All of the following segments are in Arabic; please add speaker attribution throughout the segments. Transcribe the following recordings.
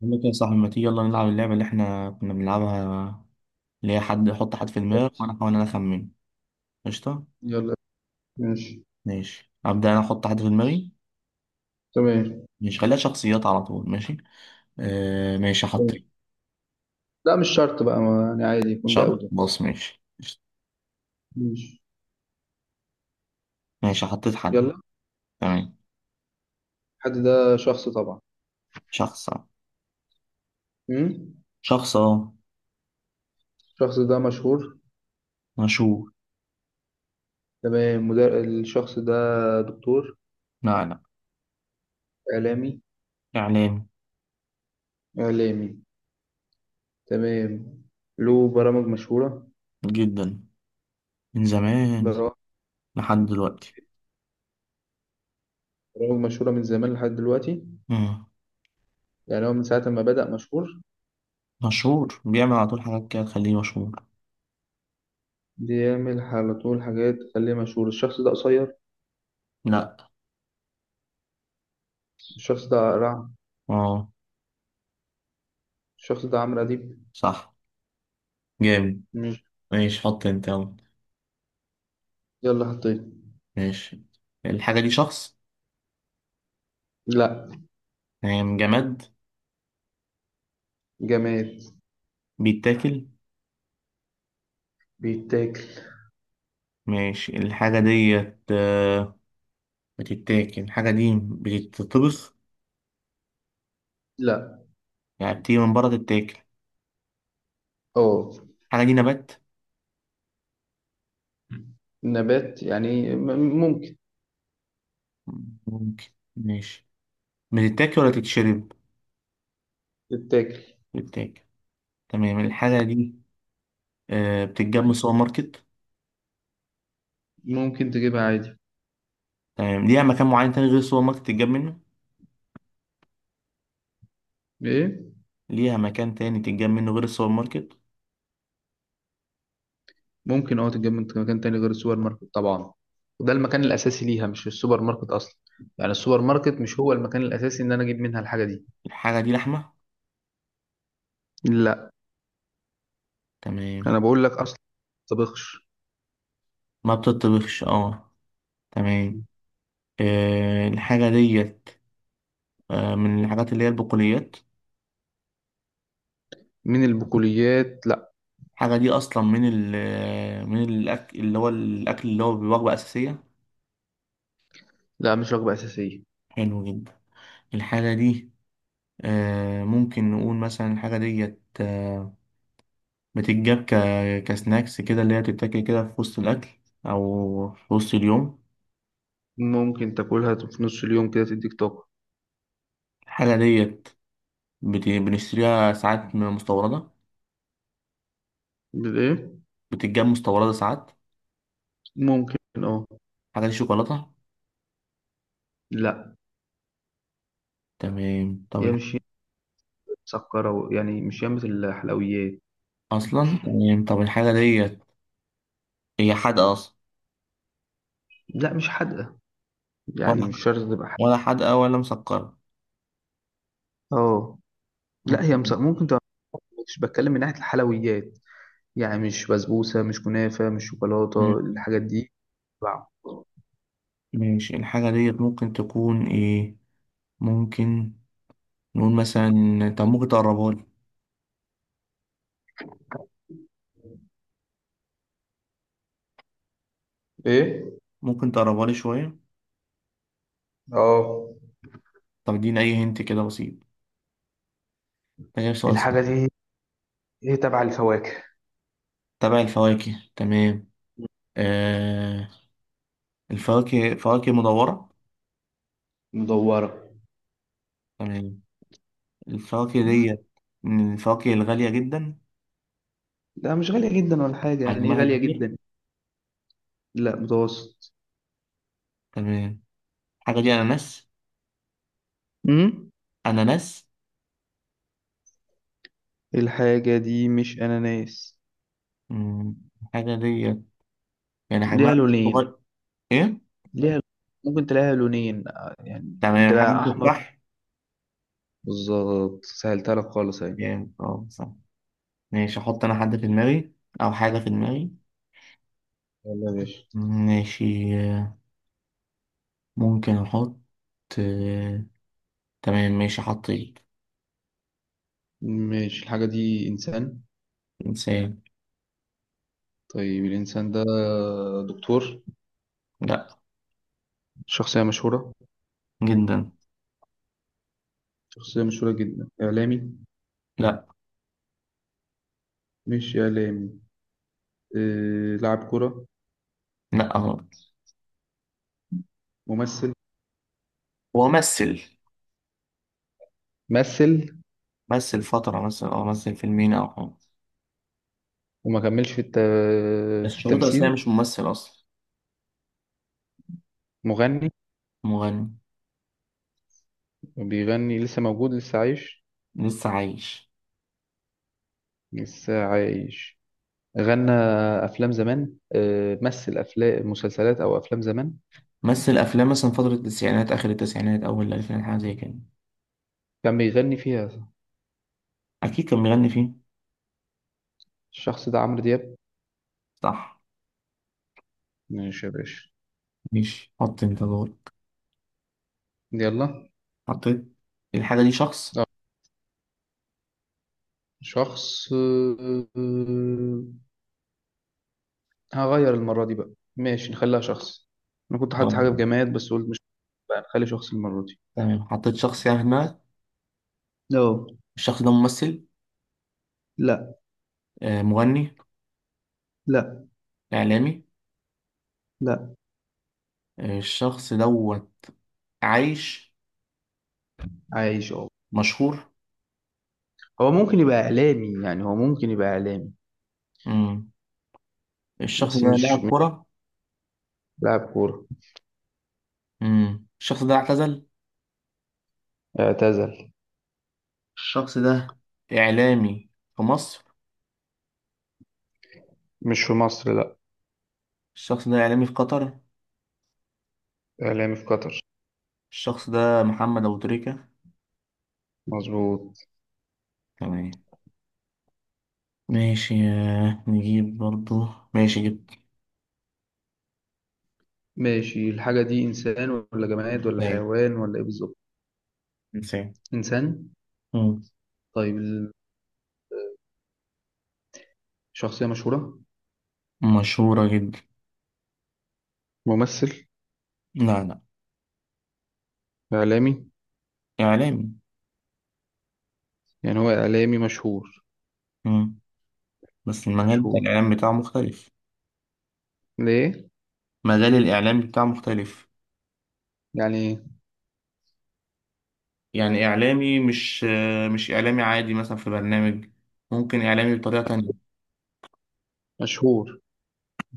Speaker 1: بقول لك يا صاحبي، ما تيجي يلا نلعب اللعبة اللي احنا كنا بنلعبها، اللي هي حد يحط حد في دماغك وانا احاول انا اخمن. قشطة.
Speaker 2: يلا، ماشي،
Speaker 1: ماشي، ابدأ انا احط حد في دماغي.
Speaker 2: تمام.
Speaker 1: مش، خليها شخصيات على طول، ماشي. آه ماشي، حطيت.
Speaker 2: لا، مش شرط بقى، ما يعني عادي يكون ده أو
Speaker 1: شرط،
Speaker 2: ده.
Speaker 1: بص، ماشي، قشطة.
Speaker 2: ماشي.
Speaker 1: ماشي، حطيت حد.
Speaker 2: يلا.
Speaker 1: تمام.
Speaker 2: الحد ده شخص طبعا.
Speaker 1: شخص أهو.
Speaker 2: مم؟
Speaker 1: شخص، اه.
Speaker 2: الشخص ده مشهور.
Speaker 1: مشهور.
Speaker 2: تمام. الشخص ده دكتور؟
Speaker 1: لا لا.
Speaker 2: إعلامي؟
Speaker 1: اعلامي.
Speaker 2: إعلامي. تمام. له برامج مشهورة.
Speaker 1: جدا. من زمان
Speaker 2: برا-
Speaker 1: لحد دلوقتي.
Speaker 2: برامج مشهورة من زمان لحد دلوقتي.
Speaker 1: مم.
Speaker 2: يعني هو من ساعة ما بدأ مشهور،
Speaker 1: مشهور بيعمل على طول حاجات كده تخليه مشهور.
Speaker 2: بيعمل على طول حاجات تخليه مشهور. الشخص ده قصير؟
Speaker 1: لا.
Speaker 2: الشخص ده رعب؟
Speaker 1: اه
Speaker 2: الشخص ده عمرو أديب.
Speaker 1: صح، جامد.
Speaker 2: مش.
Speaker 1: ماشي، حط انت، يلا.
Speaker 2: يلا، حطيت.
Speaker 1: ماشي، الحاجة دي شخص؟
Speaker 2: لا.
Speaker 1: تمام. جماد،
Speaker 2: جماد؟
Speaker 1: بيتاكل.
Speaker 2: بيتاكل؟
Speaker 1: ماشي، الحاجة ديت، بتتاكل الحاجة دي، بتتطبخ؟
Speaker 2: لا.
Speaker 1: يعني بتيجي من بره تتاكل؟
Speaker 2: اه.
Speaker 1: الحاجة دي نبات.
Speaker 2: نبات يعني ممكن.
Speaker 1: ممكن. ماشي، بتتاكل ولا تتشرب؟
Speaker 2: تتاكل.
Speaker 1: بتتاكل. تمام، الحاجة دي، بتتجاب من السوبر ماركت.
Speaker 2: ممكن تجيبها عادي.
Speaker 1: تمام، ليها مكان معين تاني غير السوبر ماركت تتجاب منه؟
Speaker 2: ايه.
Speaker 1: ليها مكان تاني تتجاب منه غير السوبر ماركت.
Speaker 2: ممكن اه، تتجاب من مكان تاني غير السوبر ماركت طبعا. وده المكان الاساسي ليها، مش السوبر ماركت اصلا. يعني السوبر ماركت مش هو المكان الاساسي ان انا اجيب منها الحاجه دي.
Speaker 1: الحاجة دي لحمة؟
Speaker 2: لا.
Speaker 1: تمام.
Speaker 2: انا بقول لك اصلا، طبخش.
Speaker 1: ما بتتطبخش، اه. تمام. الحاجة ديت، من الحاجات اللي هي البقوليات.
Speaker 2: من البقوليات لا.
Speaker 1: الحاجة دي أصلا من ال، من الأكل اللي هو الأكل اللي هو بوجبة أساسية.
Speaker 2: لا، مش وجبه اساسيه.
Speaker 1: حلو جدا. الحاجة دي، ممكن نقول مثلا الحاجة ديت، بتتجاب كسناكس كده، اللي هي بتتاكل كده في وسط الأكل أو في وسط اليوم.
Speaker 2: ممكن تاكلها في نص اليوم كده، تديك طاقه.
Speaker 1: الحاجة ديت، بنشتريها ساعات من مستوردة.
Speaker 2: ايه.
Speaker 1: بتتجاب مستوردة ساعات.
Speaker 2: ممكن اه
Speaker 1: الحاجة دي شوكولاتة؟
Speaker 2: لا
Speaker 1: تمام،
Speaker 2: هي مش مسكره يعني مش ياما الحلويات
Speaker 1: أصلا، تمام، طب الحاجة ديت هي حادقة أصلا؟
Speaker 2: لا مش حادقة يعني مش شرط تبقى حادقة
Speaker 1: ولا حادقة ولا مسكرة؟
Speaker 2: اه. لا،
Speaker 1: ممكن.
Speaker 2: ممكن تبقى. مش بتكلم من ناحية الحلويات. يعني مش بسبوسة، مش كنافة، مش شوكولاتة الحاجات دي. تبع
Speaker 1: ماشي، الحاجة ديت ممكن تكون ايه؟ ممكن نقول مثلا، طب ممكن تقربها لي؟
Speaker 2: ايه.
Speaker 1: ممكن تقربها لي شوية؟
Speaker 2: اه.
Speaker 1: طب اديني أي هنت كده بسيط، ده غير سؤال صعب.
Speaker 2: الحاجة دي هي تبع الفواكه.
Speaker 1: تبع الفواكه، تمام. آه، الفواكه فواكه مدورة.
Speaker 2: مدورة.
Speaker 1: تمام، الفواكه ديت من الفواكه الغالية جدا.
Speaker 2: لا مش غالية جدا ولا حاجة، يعني ايه
Speaker 1: حجمها
Speaker 2: غالية
Speaker 1: كبير.
Speaker 2: جدا. لا، متوسط.
Speaker 1: تمام، الحاجة دي أناناس؟
Speaker 2: امم.
Speaker 1: أناناس.
Speaker 2: الحاجة دي مش أناناس.
Speaker 1: مم، الحاجة ديت يعني
Speaker 2: ليها
Speaker 1: حجمها مش
Speaker 2: لونين.
Speaker 1: صغير. إيه؟
Speaker 2: ليها، ممكن تلاقيها لونين، يعني ممكن
Speaker 1: تمام، الحاجة
Speaker 2: تلاقيها
Speaker 1: دي
Speaker 2: أحمر.
Speaker 1: تفاح؟
Speaker 2: بالظبط، سهلتها لك خالص أهي.
Speaker 1: جامد، اه صح. ماشي، احط انا حد في دماغي، او حاجة في دماغي.
Speaker 2: يلا يا باشا.
Speaker 1: ماشي، ممكن احط، آه، تمام، ماشي، حطيت.
Speaker 2: ماشي. الحاجة دي إنسان.
Speaker 1: انسان.
Speaker 2: طيب، الإنسان ده دكتور؟
Speaker 1: لا.
Speaker 2: شخصية مشهورة؟
Speaker 1: جدا.
Speaker 2: شخصية مشهورة جدا. إعلامي؟
Speaker 1: لا
Speaker 2: مش إعلامي. لاعب كرة؟
Speaker 1: لا غلط.
Speaker 2: ممثل؟
Speaker 1: هو مثل.
Speaker 2: مثل.
Speaker 1: مثل فترة مثلا، او مثل فيلمين او حاجة.
Speaker 2: وما
Speaker 1: بس
Speaker 2: في
Speaker 1: شريط أساسية
Speaker 2: التمثيل.
Speaker 1: مش ممثل اصلا.
Speaker 2: مغني.
Speaker 1: مغني.
Speaker 2: بيغني. لسه موجود، لسه عايش.
Speaker 1: لسه عايش.
Speaker 2: لسه عايش. غنى أفلام زمان. مثل أفلام، مسلسلات أو أفلام زمان.
Speaker 1: مثل افلام مثلا فترة التسعينات، اخر التسعينات، اول الالفينات، حاجة زي كده.
Speaker 2: كان بيغني فيها.
Speaker 1: اكيد كان بيغني فيه.
Speaker 2: الشخص ده عمرو دياب.
Speaker 1: صح.
Speaker 2: ماشي يا باشا.
Speaker 1: ماشي، حط انت دورك.
Speaker 2: يلا.
Speaker 1: حطيت. الحاجة دي شخص؟
Speaker 2: اه. شخص، هغير المرة دي بقى، ماشي نخليها شخص. أنا كنت حاطط
Speaker 1: آه.
Speaker 2: حاجة بجماد بس قلت مش. بقى نخلي شخص المرة دي.
Speaker 1: تمام، حطيت شخص يعني في دماغك.
Speaker 2: اه.
Speaker 1: الشخص ده ممثل؟
Speaker 2: لا.
Speaker 1: مغني؟
Speaker 2: لا.
Speaker 1: إعلامي؟
Speaker 2: لا.
Speaker 1: الشخص دوت عايش؟
Speaker 2: عايش أهو.
Speaker 1: مشهور؟
Speaker 2: هو ممكن يبقى إعلامي، يعني هو ممكن يبقى إعلامي.
Speaker 1: مم. الشخص
Speaker 2: بس
Speaker 1: ده
Speaker 2: مش
Speaker 1: لاعب
Speaker 2: مش
Speaker 1: كرة؟
Speaker 2: لاعب كورة.
Speaker 1: مم. الشخص ده اعتزل؟
Speaker 2: اعتزل.
Speaker 1: الشخص ده إعلامي في مصر؟
Speaker 2: مش في مصر، لا.
Speaker 1: الشخص ده إعلامي في قطر؟
Speaker 2: إعلامي في قطر.
Speaker 1: الشخص ده محمد أبو تريكة؟
Speaker 2: مظبوط.
Speaker 1: تمام. ماشي، نجيب برضو. ماشي، جبت.
Speaker 2: ماشي. الحاجة دي إنسان ولا جماد ولا
Speaker 1: إنسان.
Speaker 2: حيوان ولا إيه بالظبط.
Speaker 1: إنسان.
Speaker 2: إنسان.
Speaker 1: مم.
Speaker 2: طيب، الشخصية مشهورة.
Speaker 1: مشهورة جدا.
Speaker 2: ممثل؟
Speaker 1: لا لا.
Speaker 2: إعلامي؟
Speaker 1: إعلامي.
Speaker 2: يعني هو إعلامي مشهور.
Speaker 1: مم. بس المجال بتاع
Speaker 2: مشهور.
Speaker 1: الإعلام بتاعه مختلف.
Speaker 2: ليه؟
Speaker 1: مجال الإعلام بتاعه مختلف.
Speaker 2: يعني إيه؟
Speaker 1: يعني إعلامي مش، إعلامي عادي مثلا في برنامج. ممكن إعلامي بطريقة تانية.
Speaker 2: مشهور.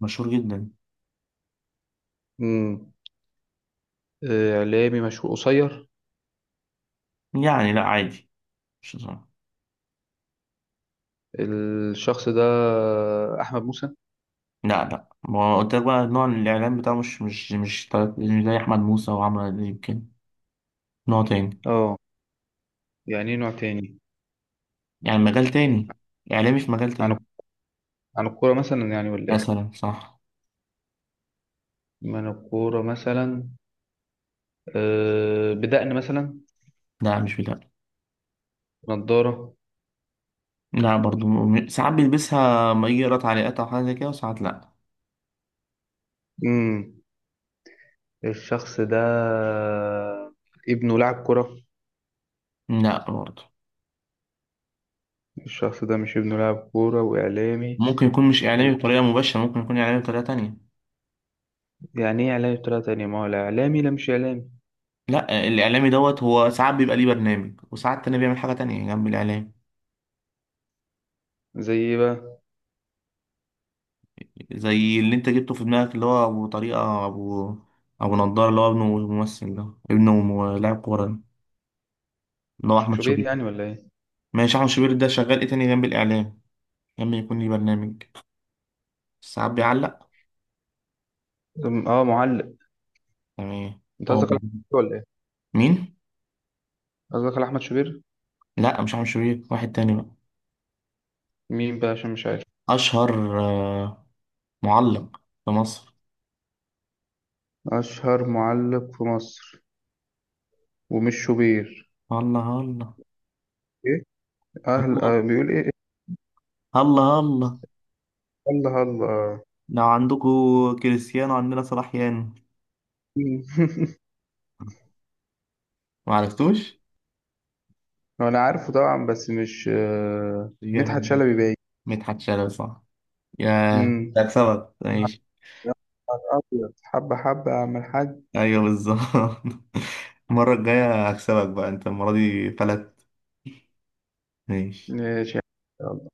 Speaker 1: مشهور جدا.
Speaker 2: امم. إعلامي مشهور قصير.
Speaker 1: يعني لا، عادي، مش صعب.
Speaker 2: الشخص ده أحمد موسى.
Speaker 1: لا لا، ما قلت لك بقى نوع الإعلام بتاعه مش مش زي أحمد موسى وعمرو أديب يمكن. نوع تاني.
Speaker 2: اه. يعني إيه نوع تاني.
Speaker 1: يعني مجال تاني، إعلامي في مجال
Speaker 2: عن،
Speaker 1: تاني.
Speaker 2: عن الكورة مثلا يعني ولا إيه.
Speaker 1: مثلا صح.
Speaker 2: من الكورة مثلا. بدقن مثلا.
Speaker 1: لا مش بتاع.
Speaker 2: نضارة.
Speaker 1: لا برضو، ساعات بيلبسها ما يجي يقرا تعليقات أو حاجة زي كده، وساعات لا.
Speaker 2: امم. الشخص ده ابنه لاعب كرة.
Speaker 1: لا برضو.
Speaker 2: الشخص ده مش ابنه لاعب كورة وإعلامي.
Speaker 1: ممكن يكون مش
Speaker 2: و...
Speaker 1: إعلامي بطريقة مباشرة، ممكن يكون إعلامي بطريقة تانية.
Speaker 2: يعني إيه إعلامي بطريقة تانية، ما هو لا إعلامي لا مش إعلامي.
Speaker 1: لا، الاعلامي دوت هو ساعات بيبقى ليه برنامج، وساعات تاني بيعمل حاجه تانية جنب الاعلام.
Speaker 2: زي إيه بقى.
Speaker 1: زي اللي انت جبته في دماغك، اللي هو ابو طريقه، ابو نضاره، اللي هو ابنه ممثل، ده ابنه لاعب كوره ده، اللي هو احمد
Speaker 2: شوبير
Speaker 1: شوبير.
Speaker 2: يعني ولا إيه.
Speaker 1: ماشي، احمد شوبير ده شغال ايه تاني جنب الاعلام؟ لما يكون ليه برنامج، ساعات بيعلق.
Speaker 2: اه، معلق.
Speaker 1: تمام.
Speaker 2: انت
Speaker 1: هو
Speaker 2: قصدك على أحمد شوبير ولا ايه.
Speaker 1: مين؟
Speaker 2: قصدك على احمد شوبير.
Speaker 1: لا مش احمد شوبير، واحد تاني بقى.
Speaker 2: مين بقى، عشان مش عارف.
Speaker 1: اشهر، معلق في مصر.
Speaker 2: اشهر معلق في مصر. ومش شوبير.
Speaker 1: الله الله.
Speaker 2: ايه. اهل،
Speaker 1: الله
Speaker 2: بيقول ايه؟ إيه؟
Speaker 1: الله الله.
Speaker 2: الله، الله.
Speaker 1: لو عندكم كريستيانو، عندنا صلاح يانو.
Speaker 2: مم.
Speaker 1: ما عرفتوش.
Speaker 2: هو انا عارفه طبعا، بس مش، مدحت
Speaker 1: جامد،
Speaker 2: شلبي باين.
Speaker 1: مدحت شلبي صح. يا،
Speaker 2: مم.
Speaker 1: هكسبك ماشي.
Speaker 2: يا نهار أبيض. حبة حبة يا عم الحاج.
Speaker 1: ايوه بالظبط. المرة الجاية هكسبك بقى، انت المرة دي فلت. ماشي.
Speaker 2: ماشي. يا الله.